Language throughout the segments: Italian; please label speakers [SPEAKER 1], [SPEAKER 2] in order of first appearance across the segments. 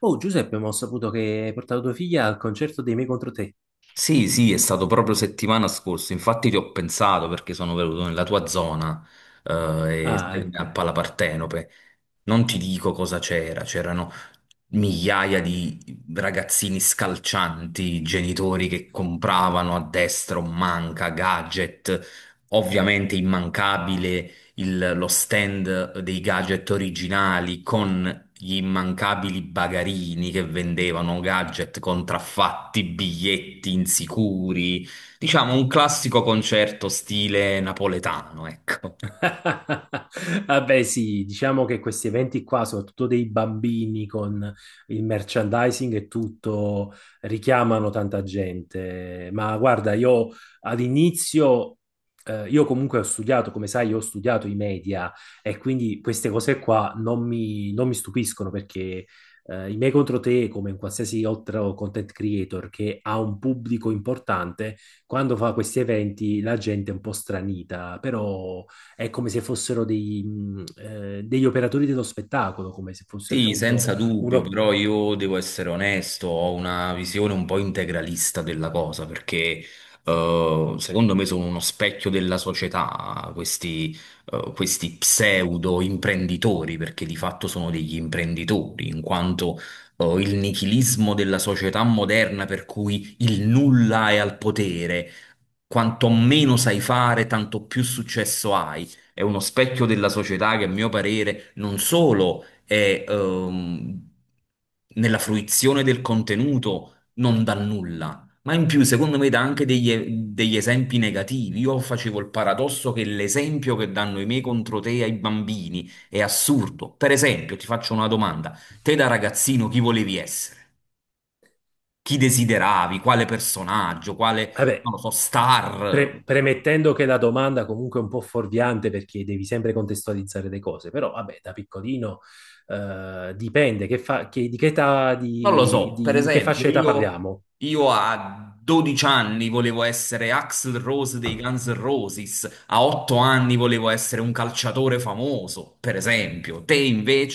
[SPEAKER 1] Oh, Giuseppe, ma ho saputo che hai portato tua figlia al concerto dei Me contro te.
[SPEAKER 2] Sì, sì, è stato proprio settimana scorsa, infatti ti ho pensato perché sono venuto nella tua zona, e
[SPEAKER 1] Ah,
[SPEAKER 2] sai com'è a
[SPEAKER 1] ecco.
[SPEAKER 2] Pala Partenope. Non ti dico cosa c'era, c'erano migliaia di ragazzini scalcianti, genitori che compravano a destra un manca, gadget, ovviamente immancabile lo stand dei gadget originali con gli immancabili bagarini che vendevano gadget contraffatti, biglietti insicuri, diciamo un classico concerto stile napoletano, ecco.
[SPEAKER 1] Vabbè, sì, diciamo che questi eventi qua, soprattutto dei bambini con il merchandising e tutto, richiamano tanta gente. Ma guarda, io all'inizio, io comunque ho studiato, come sai, io ho studiato i media e quindi queste cose qua non mi stupiscono perché i miei contro te, come in qualsiasi altro content creator che ha un pubblico importante, quando fa questi eventi la gente è un po' stranita, però è come se fossero degli operatori dello spettacolo, come se fosse
[SPEAKER 2] Sì,
[SPEAKER 1] appunto
[SPEAKER 2] senza dubbio,
[SPEAKER 1] uno.
[SPEAKER 2] però io devo essere onesto, ho una visione un po' integralista della cosa, perché secondo me sono uno specchio della società, questi, questi pseudo imprenditori, perché di fatto sono degli imprenditori, in quanto il nichilismo della società moderna, per cui il nulla è al potere, quanto meno sai fare, tanto più successo hai, è uno specchio della società che a mio parere non solo e nella fruizione del contenuto non dà nulla. Ma in più, secondo me, dà anche degli, degli esempi negativi. Io facevo il paradosso che l'esempio che danno i miei contro te ai bambini è assurdo. Per esempio, ti faccio una domanda. Te da ragazzino chi volevi essere? Chi desideravi? Quale personaggio? Quale, non
[SPEAKER 1] Vabbè,
[SPEAKER 2] lo so, star?
[SPEAKER 1] premettendo che la domanda comunque è un po' fuorviante perché devi sempre contestualizzare le cose, però vabbè, da piccolino dipende di che età,
[SPEAKER 2] Non lo so, per
[SPEAKER 1] di che fascia
[SPEAKER 2] esempio,
[SPEAKER 1] età parliamo.
[SPEAKER 2] io a 12 anni volevo essere Axl Rose dei Guns N' Roses, a 8 anni volevo essere un calciatore famoso, per esempio. Te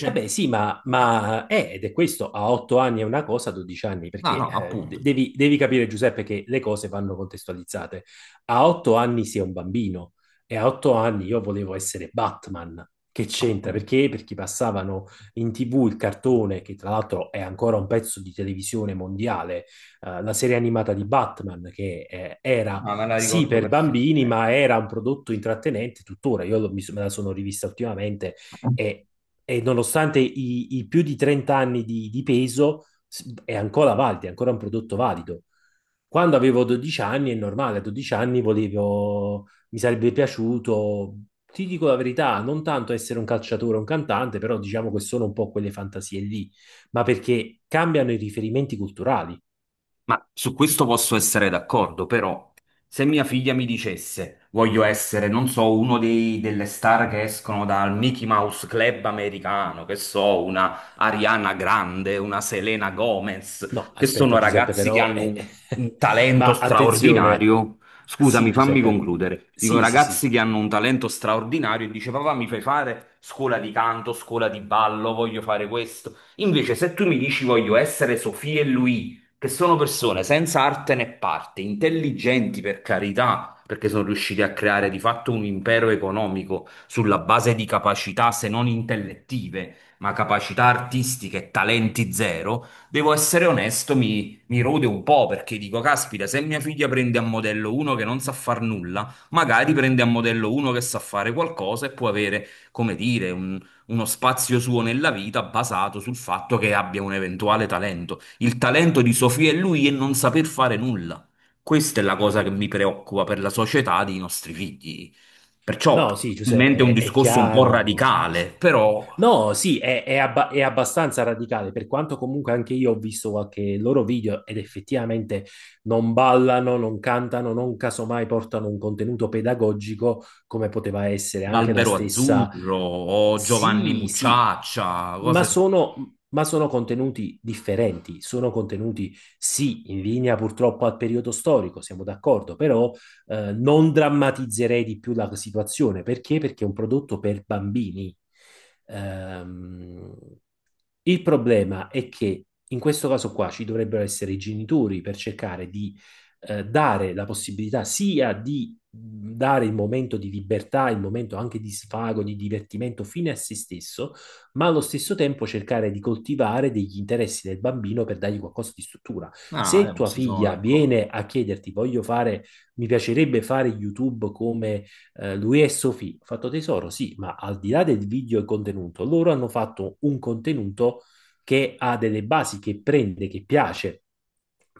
[SPEAKER 1] Eh beh, sì, ma,
[SPEAKER 2] Eh,
[SPEAKER 1] ma eh, ed è questo, a 8 anni è una cosa, a 12 anni,
[SPEAKER 2] No,
[SPEAKER 1] perché
[SPEAKER 2] no,
[SPEAKER 1] eh,
[SPEAKER 2] appunto,
[SPEAKER 1] de- devi, devi capire, Giuseppe, che le cose vanno contestualizzate. A 8 anni si è un bambino e a 8 anni io volevo essere Batman. Che c'entra?
[SPEAKER 2] appunto.
[SPEAKER 1] Perché? Perché passavano in TV il cartone, che tra l'altro è ancora un pezzo di televisione mondiale, la serie animata di Batman, che era
[SPEAKER 2] No, me la
[SPEAKER 1] sì
[SPEAKER 2] ricordo
[SPEAKER 1] per bambini,
[SPEAKER 2] perfettamente.
[SPEAKER 1] ma era un prodotto intrattenente tuttora. Io me la sono rivista ultimamente e e nonostante i più di 30 anni di peso, è ancora valido, è ancora un prodotto valido. Quando avevo 12 anni, è normale, a 12 anni volevo, mi sarebbe piaciuto, ti dico la verità, non tanto essere un calciatore o un cantante, però diciamo che sono un po' quelle fantasie lì, ma perché cambiano i riferimenti culturali.
[SPEAKER 2] Ma su questo posso essere d'accordo, però se mia figlia mi dicesse voglio essere, non so, uno delle star che escono dal Mickey Mouse Club americano, che so, una Ariana Grande, una Selena Gomez,
[SPEAKER 1] No,
[SPEAKER 2] che
[SPEAKER 1] aspetta,
[SPEAKER 2] sono
[SPEAKER 1] Giuseppe,
[SPEAKER 2] ragazzi che
[SPEAKER 1] però.
[SPEAKER 2] hanno un talento
[SPEAKER 1] Ma attenzione,
[SPEAKER 2] straordinario,
[SPEAKER 1] sì,
[SPEAKER 2] scusami, fammi
[SPEAKER 1] Giuseppe,
[SPEAKER 2] concludere. Dico
[SPEAKER 1] sì, sì, sì.
[SPEAKER 2] ragazzi che hanno un talento straordinario e dice papà mi fai fare scuola di canto, scuola di ballo, voglio fare questo. Invece se tu mi dici voglio essere Sofia e Luigi, che sono persone senza arte né parte, intelligenti per carità, perché sono riusciti a creare di fatto un impero economico sulla base di capacità, se non intellettive, ma capacità artistiche e talenti zero, devo essere onesto, mi rode un po' perché dico, caspita, se mia figlia prende a modello uno che non sa far nulla, magari prende a modello uno che sa fare qualcosa e può avere, come dire, uno spazio suo nella vita basato sul fatto che abbia un eventuale talento. Il talento di Sofia e lui è non saper fare nulla. Questa è la cosa che mi preoccupa per la società dei nostri figli. Perciò,
[SPEAKER 1] No, sì,
[SPEAKER 2] probabilmente è un
[SPEAKER 1] Giuseppe, è
[SPEAKER 2] discorso un po'
[SPEAKER 1] chiaro.
[SPEAKER 2] radicale, però
[SPEAKER 1] No, sì, è abbastanza radicale, per quanto comunque anche io ho visto qualche loro video ed effettivamente non ballano, non cantano, non casomai portano un contenuto pedagogico come poteva essere anche la
[SPEAKER 2] l'albero
[SPEAKER 1] stessa.
[SPEAKER 2] azzurro o Giovanni
[SPEAKER 1] Sì, sì,
[SPEAKER 2] Mucciaccia,
[SPEAKER 1] ma
[SPEAKER 2] cose...
[SPEAKER 1] sono, ma sono contenuti differenti, sono contenuti, sì, in linea purtroppo al periodo storico, siamo d'accordo, però non drammatizzerei di più la situazione. Perché? Perché è un prodotto per bambini. Ehm, il problema è che in questo caso qua ci dovrebbero essere i genitori per cercare di dare la possibilità sia di dare il momento di libertà, il momento anche di sfago, di divertimento fine a se stesso, ma allo stesso tempo cercare di coltivare degli interessi del bambino per dargli qualcosa di struttura.
[SPEAKER 2] Ah,
[SPEAKER 1] Se tua
[SPEAKER 2] questo sono
[SPEAKER 1] figlia
[SPEAKER 2] d'accordo.
[SPEAKER 1] viene a chiederti, voglio fare, mi piacerebbe fare YouTube come lui e Sofì, ho fatto tesoro, sì, ma al di là del video e contenuto, loro hanno fatto un contenuto che ha delle basi, che prende, che piace.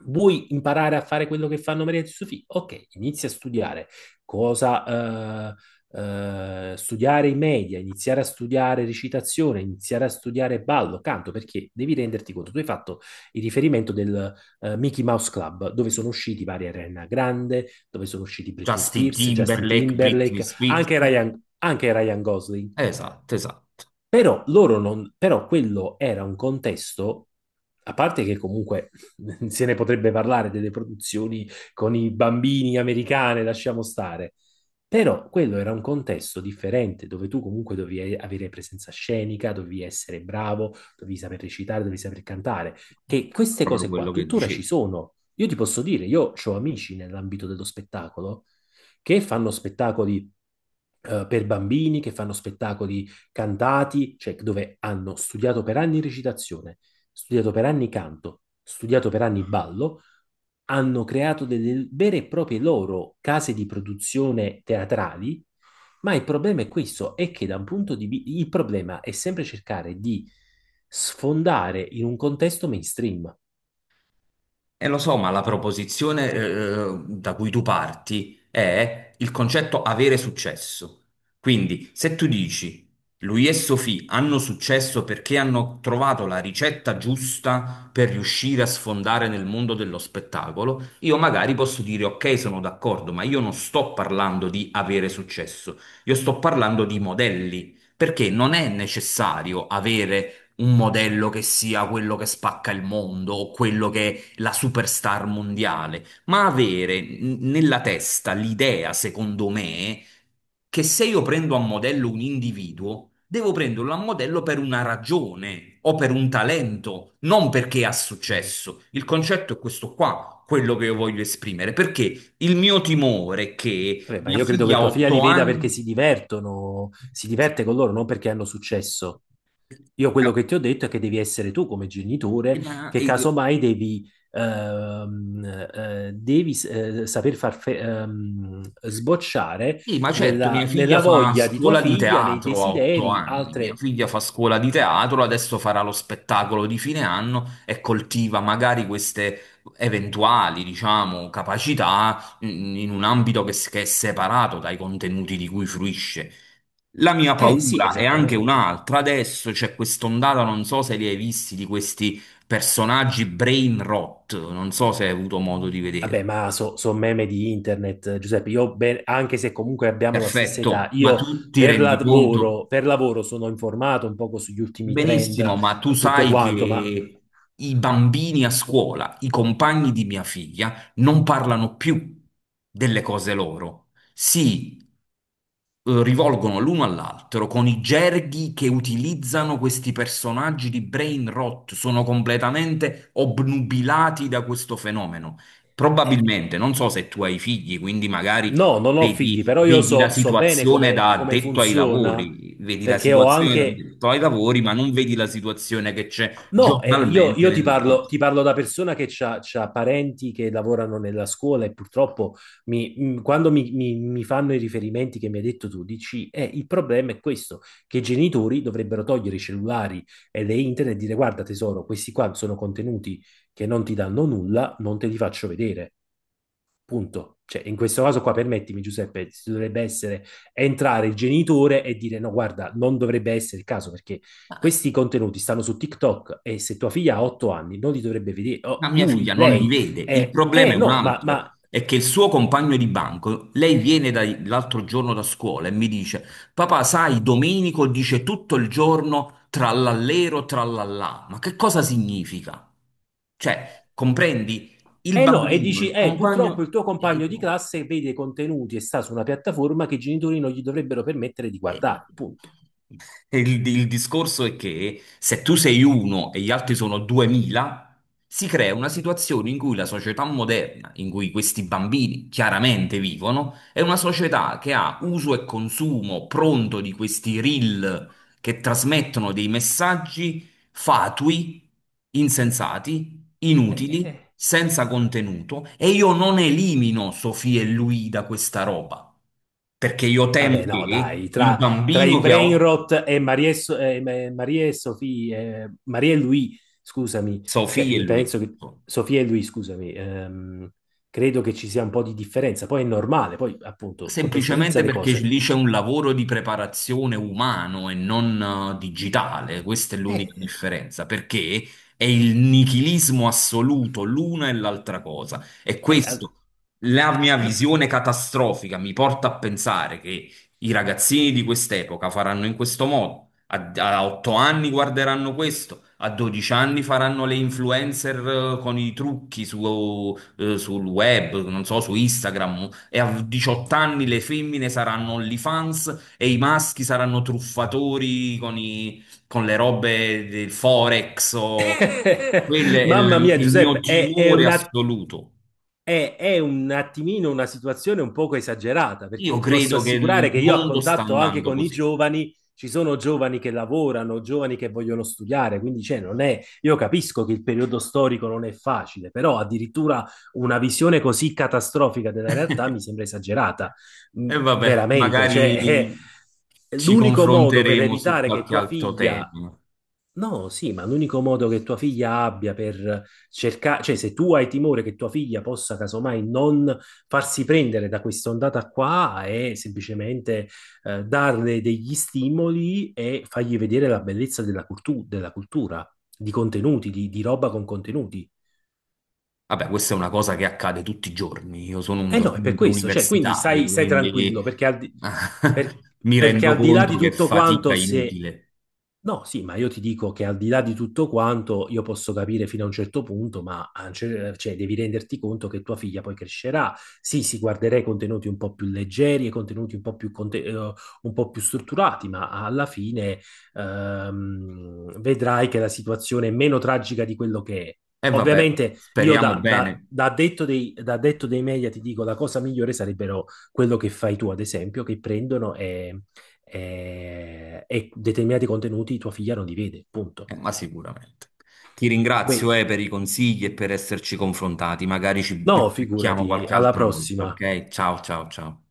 [SPEAKER 1] Vuoi imparare a fare quello che fanno Maria di Sofì? Ok, inizia a studiare cosa, studiare i media, iniziare a studiare recitazione, iniziare a studiare ballo, canto, perché devi renderti conto. Tu hai fatto il riferimento del Mickey Mouse Club, dove sono usciti vari Ariana Grande, dove sono usciti Britney
[SPEAKER 2] Justin
[SPEAKER 1] Spears, Justin
[SPEAKER 2] Timberlake, Britney
[SPEAKER 1] Timberlake,
[SPEAKER 2] Spears.
[SPEAKER 1] anche Ryan Gosling.
[SPEAKER 2] Esatto, esatto.
[SPEAKER 1] Però loro non, però quello era un contesto, a parte che comunque se ne potrebbe parlare delle produzioni con i bambini americane, lasciamo stare. Però quello era un contesto differente, dove tu comunque dovevi avere presenza scenica, dovevi essere bravo, dovevi saper recitare, dovevi saper cantare, che queste
[SPEAKER 2] Proprio
[SPEAKER 1] cose qua
[SPEAKER 2] quello che
[SPEAKER 1] tuttora ci
[SPEAKER 2] dicevi.
[SPEAKER 1] sono. Io ti posso dire, io ho amici nell'ambito dello spettacolo che fanno spettacoli per bambini, che fanno spettacoli cantati, cioè dove hanno studiato per anni recitazione, studiato per anni canto, studiato per anni ballo, hanno creato delle vere e proprie loro case di produzione teatrali, ma il problema è questo, è che da un punto di vista, il problema è sempre cercare di sfondare in un contesto mainstream.
[SPEAKER 2] E lo so, ma la proposizione, da cui tu parti è il concetto avere successo. Quindi, se tu dici lui e Sophie hanno successo perché hanno trovato la ricetta giusta per riuscire a sfondare nel mondo dello spettacolo, io magari posso dire ok, sono d'accordo, ma io non sto parlando di avere successo, io sto parlando di modelli, perché non è necessario avere un modello che sia quello che spacca il mondo o quello che la superstar mondiale, ma avere nella testa l'idea, secondo me, che se io prendo a modello un individuo, devo prenderlo a modello per una ragione o per un talento, non perché ha successo. Il concetto è questo qua, quello che io voglio esprimere, perché il mio timore è che
[SPEAKER 1] Vabbè, ma
[SPEAKER 2] mia
[SPEAKER 1] io credo che
[SPEAKER 2] figlia ha
[SPEAKER 1] tua figlia li
[SPEAKER 2] otto
[SPEAKER 1] veda perché si
[SPEAKER 2] anni...
[SPEAKER 1] divertono, si diverte con loro, non perché hanno successo. Io quello che ti ho detto è che devi essere tu come genitore, che casomai ehm, devi saper sbocciare
[SPEAKER 2] Sì, ma certo,
[SPEAKER 1] nella,
[SPEAKER 2] mia figlia
[SPEAKER 1] nella
[SPEAKER 2] fa
[SPEAKER 1] voglia di tua
[SPEAKER 2] scuola di
[SPEAKER 1] figlia, nei
[SPEAKER 2] teatro a otto
[SPEAKER 1] desideri,
[SPEAKER 2] anni, mia
[SPEAKER 1] altre.
[SPEAKER 2] figlia fa scuola di teatro, adesso farà lo spettacolo di fine anno e coltiva magari queste eventuali, diciamo, capacità mm, in un ambito che, che è separato dai contenuti di cui fruisce. La mia
[SPEAKER 1] Eh sì,
[SPEAKER 2] paura è anche
[SPEAKER 1] esattamente.
[SPEAKER 2] un'altra, adesso c'è quest'ondata, non so se li hai visti, di questi personaggi brain rot, non so se hai avuto modo di
[SPEAKER 1] Vabbè,
[SPEAKER 2] vedere.
[SPEAKER 1] ma sono meme di internet, Giuseppe. Io, anche se comunque abbiamo la stessa età,
[SPEAKER 2] Perfetto, ma
[SPEAKER 1] io
[SPEAKER 2] tu ti rendi conto?
[SPEAKER 1] per lavoro sono informato un poco sugli ultimi trend,
[SPEAKER 2] Benissimo, ma tu
[SPEAKER 1] tutto
[SPEAKER 2] sai
[SPEAKER 1] quanto, ma.
[SPEAKER 2] che i bambini a scuola, i compagni di mia figlia, non parlano più delle cose loro. Si rivolgono l'uno all'altro con i gerghi che utilizzano questi personaggi di brain rot, sono completamente obnubilati da questo fenomeno.
[SPEAKER 1] eh,
[SPEAKER 2] Probabilmente, non so se tu hai figli, quindi magari
[SPEAKER 1] No, non ho figli, però io
[SPEAKER 2] vedi la
[SPEAKER 1] so bene
[SPEAKER 2] situazione
[SPEAKER 1] come,
[SPEAKER 2] da
[SPEAKER 1] come
[SPEAKER 2] addetto ai
[SPEAKER 1] funziona,
[SPEAKER 2] lavori, vedi la
[SPEAKER 1] perché ho
[SPEAKER 2] situazione da
[SPEAKER 1] anche.
[SPEAKER 2] addetto ai lavori, ma non vedi la situazione che c'è
[SPEAKER 1] No, eh, io,
[SPEAKER 2] giornalmente
[SPEAKER 1] io
[SPEAKER 2] nella casa.
[SPEAKER 1] ti parlo, da persona che ha parenti che lavorano nella scuola e purtroppo quando mi fanno i riferimenti che mi hai detto tu, dici, il problema è questo, che i genitori dovrebbero togliere i cellulari e le internet e dire, guarda tesoro, questi qua sono contenuti che non ti danno nulla, non te li faccio vedere. Punto. Cioè, in questo caso qua, permettimi Giuseppe, si dovrebbe essere entrare il genitore e dire no, guarda, non dovrebbe essere il caso perché questi contenuti stanno su TikTok e se tua figlia ha 8 anni non li dovrebbe vedere, oh,
[SPEAKER 2] Ma mia
[SPEAKER 1] lui,
[SPEAKER 2] figlia non li
[SPEAKER 1] lei,
[SPEAKER 2] vede. Il problema
[SPEAKER 1] eh
[SPEAKER 2] è un
[SPEAKER 1] no, ma,
[SPEAKER 2] altro,
[SPEAKER 1] ma
[SPEAKER 2] è che il suo compagno di banco, lei viene l'altro giorno da scuola e mi dice, papà, sai, Domenico dice tutto il giorno trallallero, trallallà. Ma che cosa significa? Cioè, comprendi? Il
[SPEAKER 1] eh no, e
[SPEAKER 2] bambino,
[SPEAKER 1] dici,
[SPEAKER 2] il
[SPEAKER 1] purtroppo
[SPEAKER 2] compagno...
[SPEAKER 1] il tuo compagno di classe vede contenuti e sta su una piattaforma che i genitori non gli dovrebbero permettere di
[SPEAKER 2] E-
[SPEAKER 1] guardare, punto.
[SPEAKER 2] Il discorso è che se tu sei uno e gli altri sono 2000, si crea una situazione in cui la società moderna, in cui questi bambini chiaramente vivono, è una società che ha uso e consumo pronto di questi reel che trasmettono dei messaggi fatui, insensati, inutili
[SPEAKER 1] Eh,
[SPEAKER 2] senza contenuto e io non elimino Sofì e lui da questa roba, perché io temo
[SPEAKER 1] Vabbè, no,
[SPEAKER 2] che
[SPEAKER 1] dai,
[SPEAKER 2] il
[SPEAKER 1] tra i
[SPEAKER 2] bambino che ha
[SPEAKER 1] brain rot e Marie e Sofia, Marie e lui, scusami, cioè
[SPEAKER 2] Sofì e
[SPEAKER 1] mi
[SPEAKER 2] lui.
[SPEAKER 1] penso che Sofia e lui, scusami, credo che ci sia un po' di differenza. Poi è normale, poi appunto contestualizza
[SPEAKER 2] Semplicemente
[SPEAKER 1] le
[SPEAKER 2] perché
[SPEAKER 1] cose.
[SPEAKER 2] lì c'è un lavoro di preparazione umano e non digitale, questa è l'unica
[SPEAKER 1] Eh,
[SPEAKER 2] differenza, perché è il nichilismo assoluto, l'una e l'altra cosa. E
[SPEAKER 1] eh, eh,
[SPEAKER 2] questo, la mia
[SPEAKER 1] no.
[SPEAKER 2] visione catastrofica mi porta a pensare che i ragazzini di quest'epoca faranno in questo modo, a 8 anni guarderanno questo, a 12 anni faranno le influencer con i trucchi su sul web, non so, su Instagram, e a 18 anni le femmine saranno OnlyFans e i maschi saranno truffatori con, con le robe del Forex. O- Quello è
[SPEAKER 1] Mamma mia,
[SPEAKER 2] il mio
[SPEAKER 1] Giuseppe, è, è
[SPEAKER 2] timore
[SPEAKER 1] una
[SPEAKER 2] assoluto.
[SPEAKER 1] è, è un attimino una situazione un poco esagerata,
[SPEAKER 2] Io
[SPEAKER 1] perché ti posso
[SPEAKER 2] credo che il
[SPEAKER 1] assicurare che io a
[SPEAKER 2] mondo sta
[SPEAKER 1] contatto anche
[SPEAKER 2] andando
[SPEAKER 1] con i
[SPEAKER 2] così.
[SPEAKER 1] giovani, ci sono giovani che lavorano, giovani che vogliono studiare, quindi cioè, non è, io capisco che il periodo storico non è facile, però addirittura una visione così catastrofica della realtà mi sembra esagerata,
[SPEAKER 2] E vabbè,
[SPEAKER 1] veramente, cioè,
[SPEAKER 2] magari
[SPEAKER 1] è
[SPEAKER 2] ci
[SPEAKER 1] l'unico modo per
[SPEAKER 2] confronteremo su
[SPEAKER 1] evitare che
[SPEAKER 2] qualche
[SPEAKER 1] tua
[SPEAKER 2] altro
[SPEAKER 1] figlia.
[SPEAKER 2] tema.
[SPEAKER 1] No, sì, ma l'unico modo che tua figlia abbia per cercare, cioè se tu hai timore che tua figlia possa casomai non farsi prendere da questa ondata qua, è semplicemente darle degli stimoli e fargli vedere la bellezza della cultura, di contenuti, di roba con contenuti.
[SPEAKER 2] Vabbè, questa è una cosa che accade tutti i giorni. Io sono un
[SPEAKER 1] Eh no, è per
[SPEAKER 2] docente
[SPEAKER 1] questo, cioè, quindi
[SPEAKER 2] universitario,
[SPEAKER 1] stai tranquillo,
[SPEAKER 2] quindi
[SPEAKER 1] perché per-
[SPEAKER 2] mi rendo
[SPEAKER 1] al di là di
[SPEAKER 2] conto che
[SPEAKER 1] tutto
[SPEAKER 2] fatica
[SPEAKER 1] quanto,
[SPEAKER 2] è
[SPEAKER 1] se.
[SPEAKER 2] inutile.
[SPEAKER 1] No, sì, ma io ti dico che al di là di tutto quanto io posso capire fino a un certo punto, ma a un cioè, devi renderti conto che tua figlia poi crescerà. Sì, si guarderei contenuti un po' più leggeri e contenuti un po' più, un po' più strutturati, ma alla fine vedrai che la situazione è meno tragica di quello che è.
[SPEAKER 2] E vabbè,
[SPEAKER 1] Ovviamente io
[SPEAKER 2] speriamo
[SPEAKER 1] da, da,
[SPEAKER 2] bene,
[SPEAKER 1] da addetto dei, da addetto dei media ti dico la cosa migliore sarebbero quello che fai tu, ad esempio, che prendono e determinati contenuti tua figlia non li vede, punto.
[SPEAKER 2] ma sicuramente. Ti
[SPEAKER 1] Wait,
[SPEAKER 2] ringrazio, per i consigli e per esserci confrontati. Magari ci
[SPEAKER 1] no,
[SPEAKER 2] becchiamo
[SPEAKER 1] figurati,
[SPEAKER 2] qualche
[SPEAKER 1] alla
[SPEAKER 2] altra volta,
[SPEAKER 1] prossima.
[SPEAKER 2] ok? Ciao, ciao, ciao.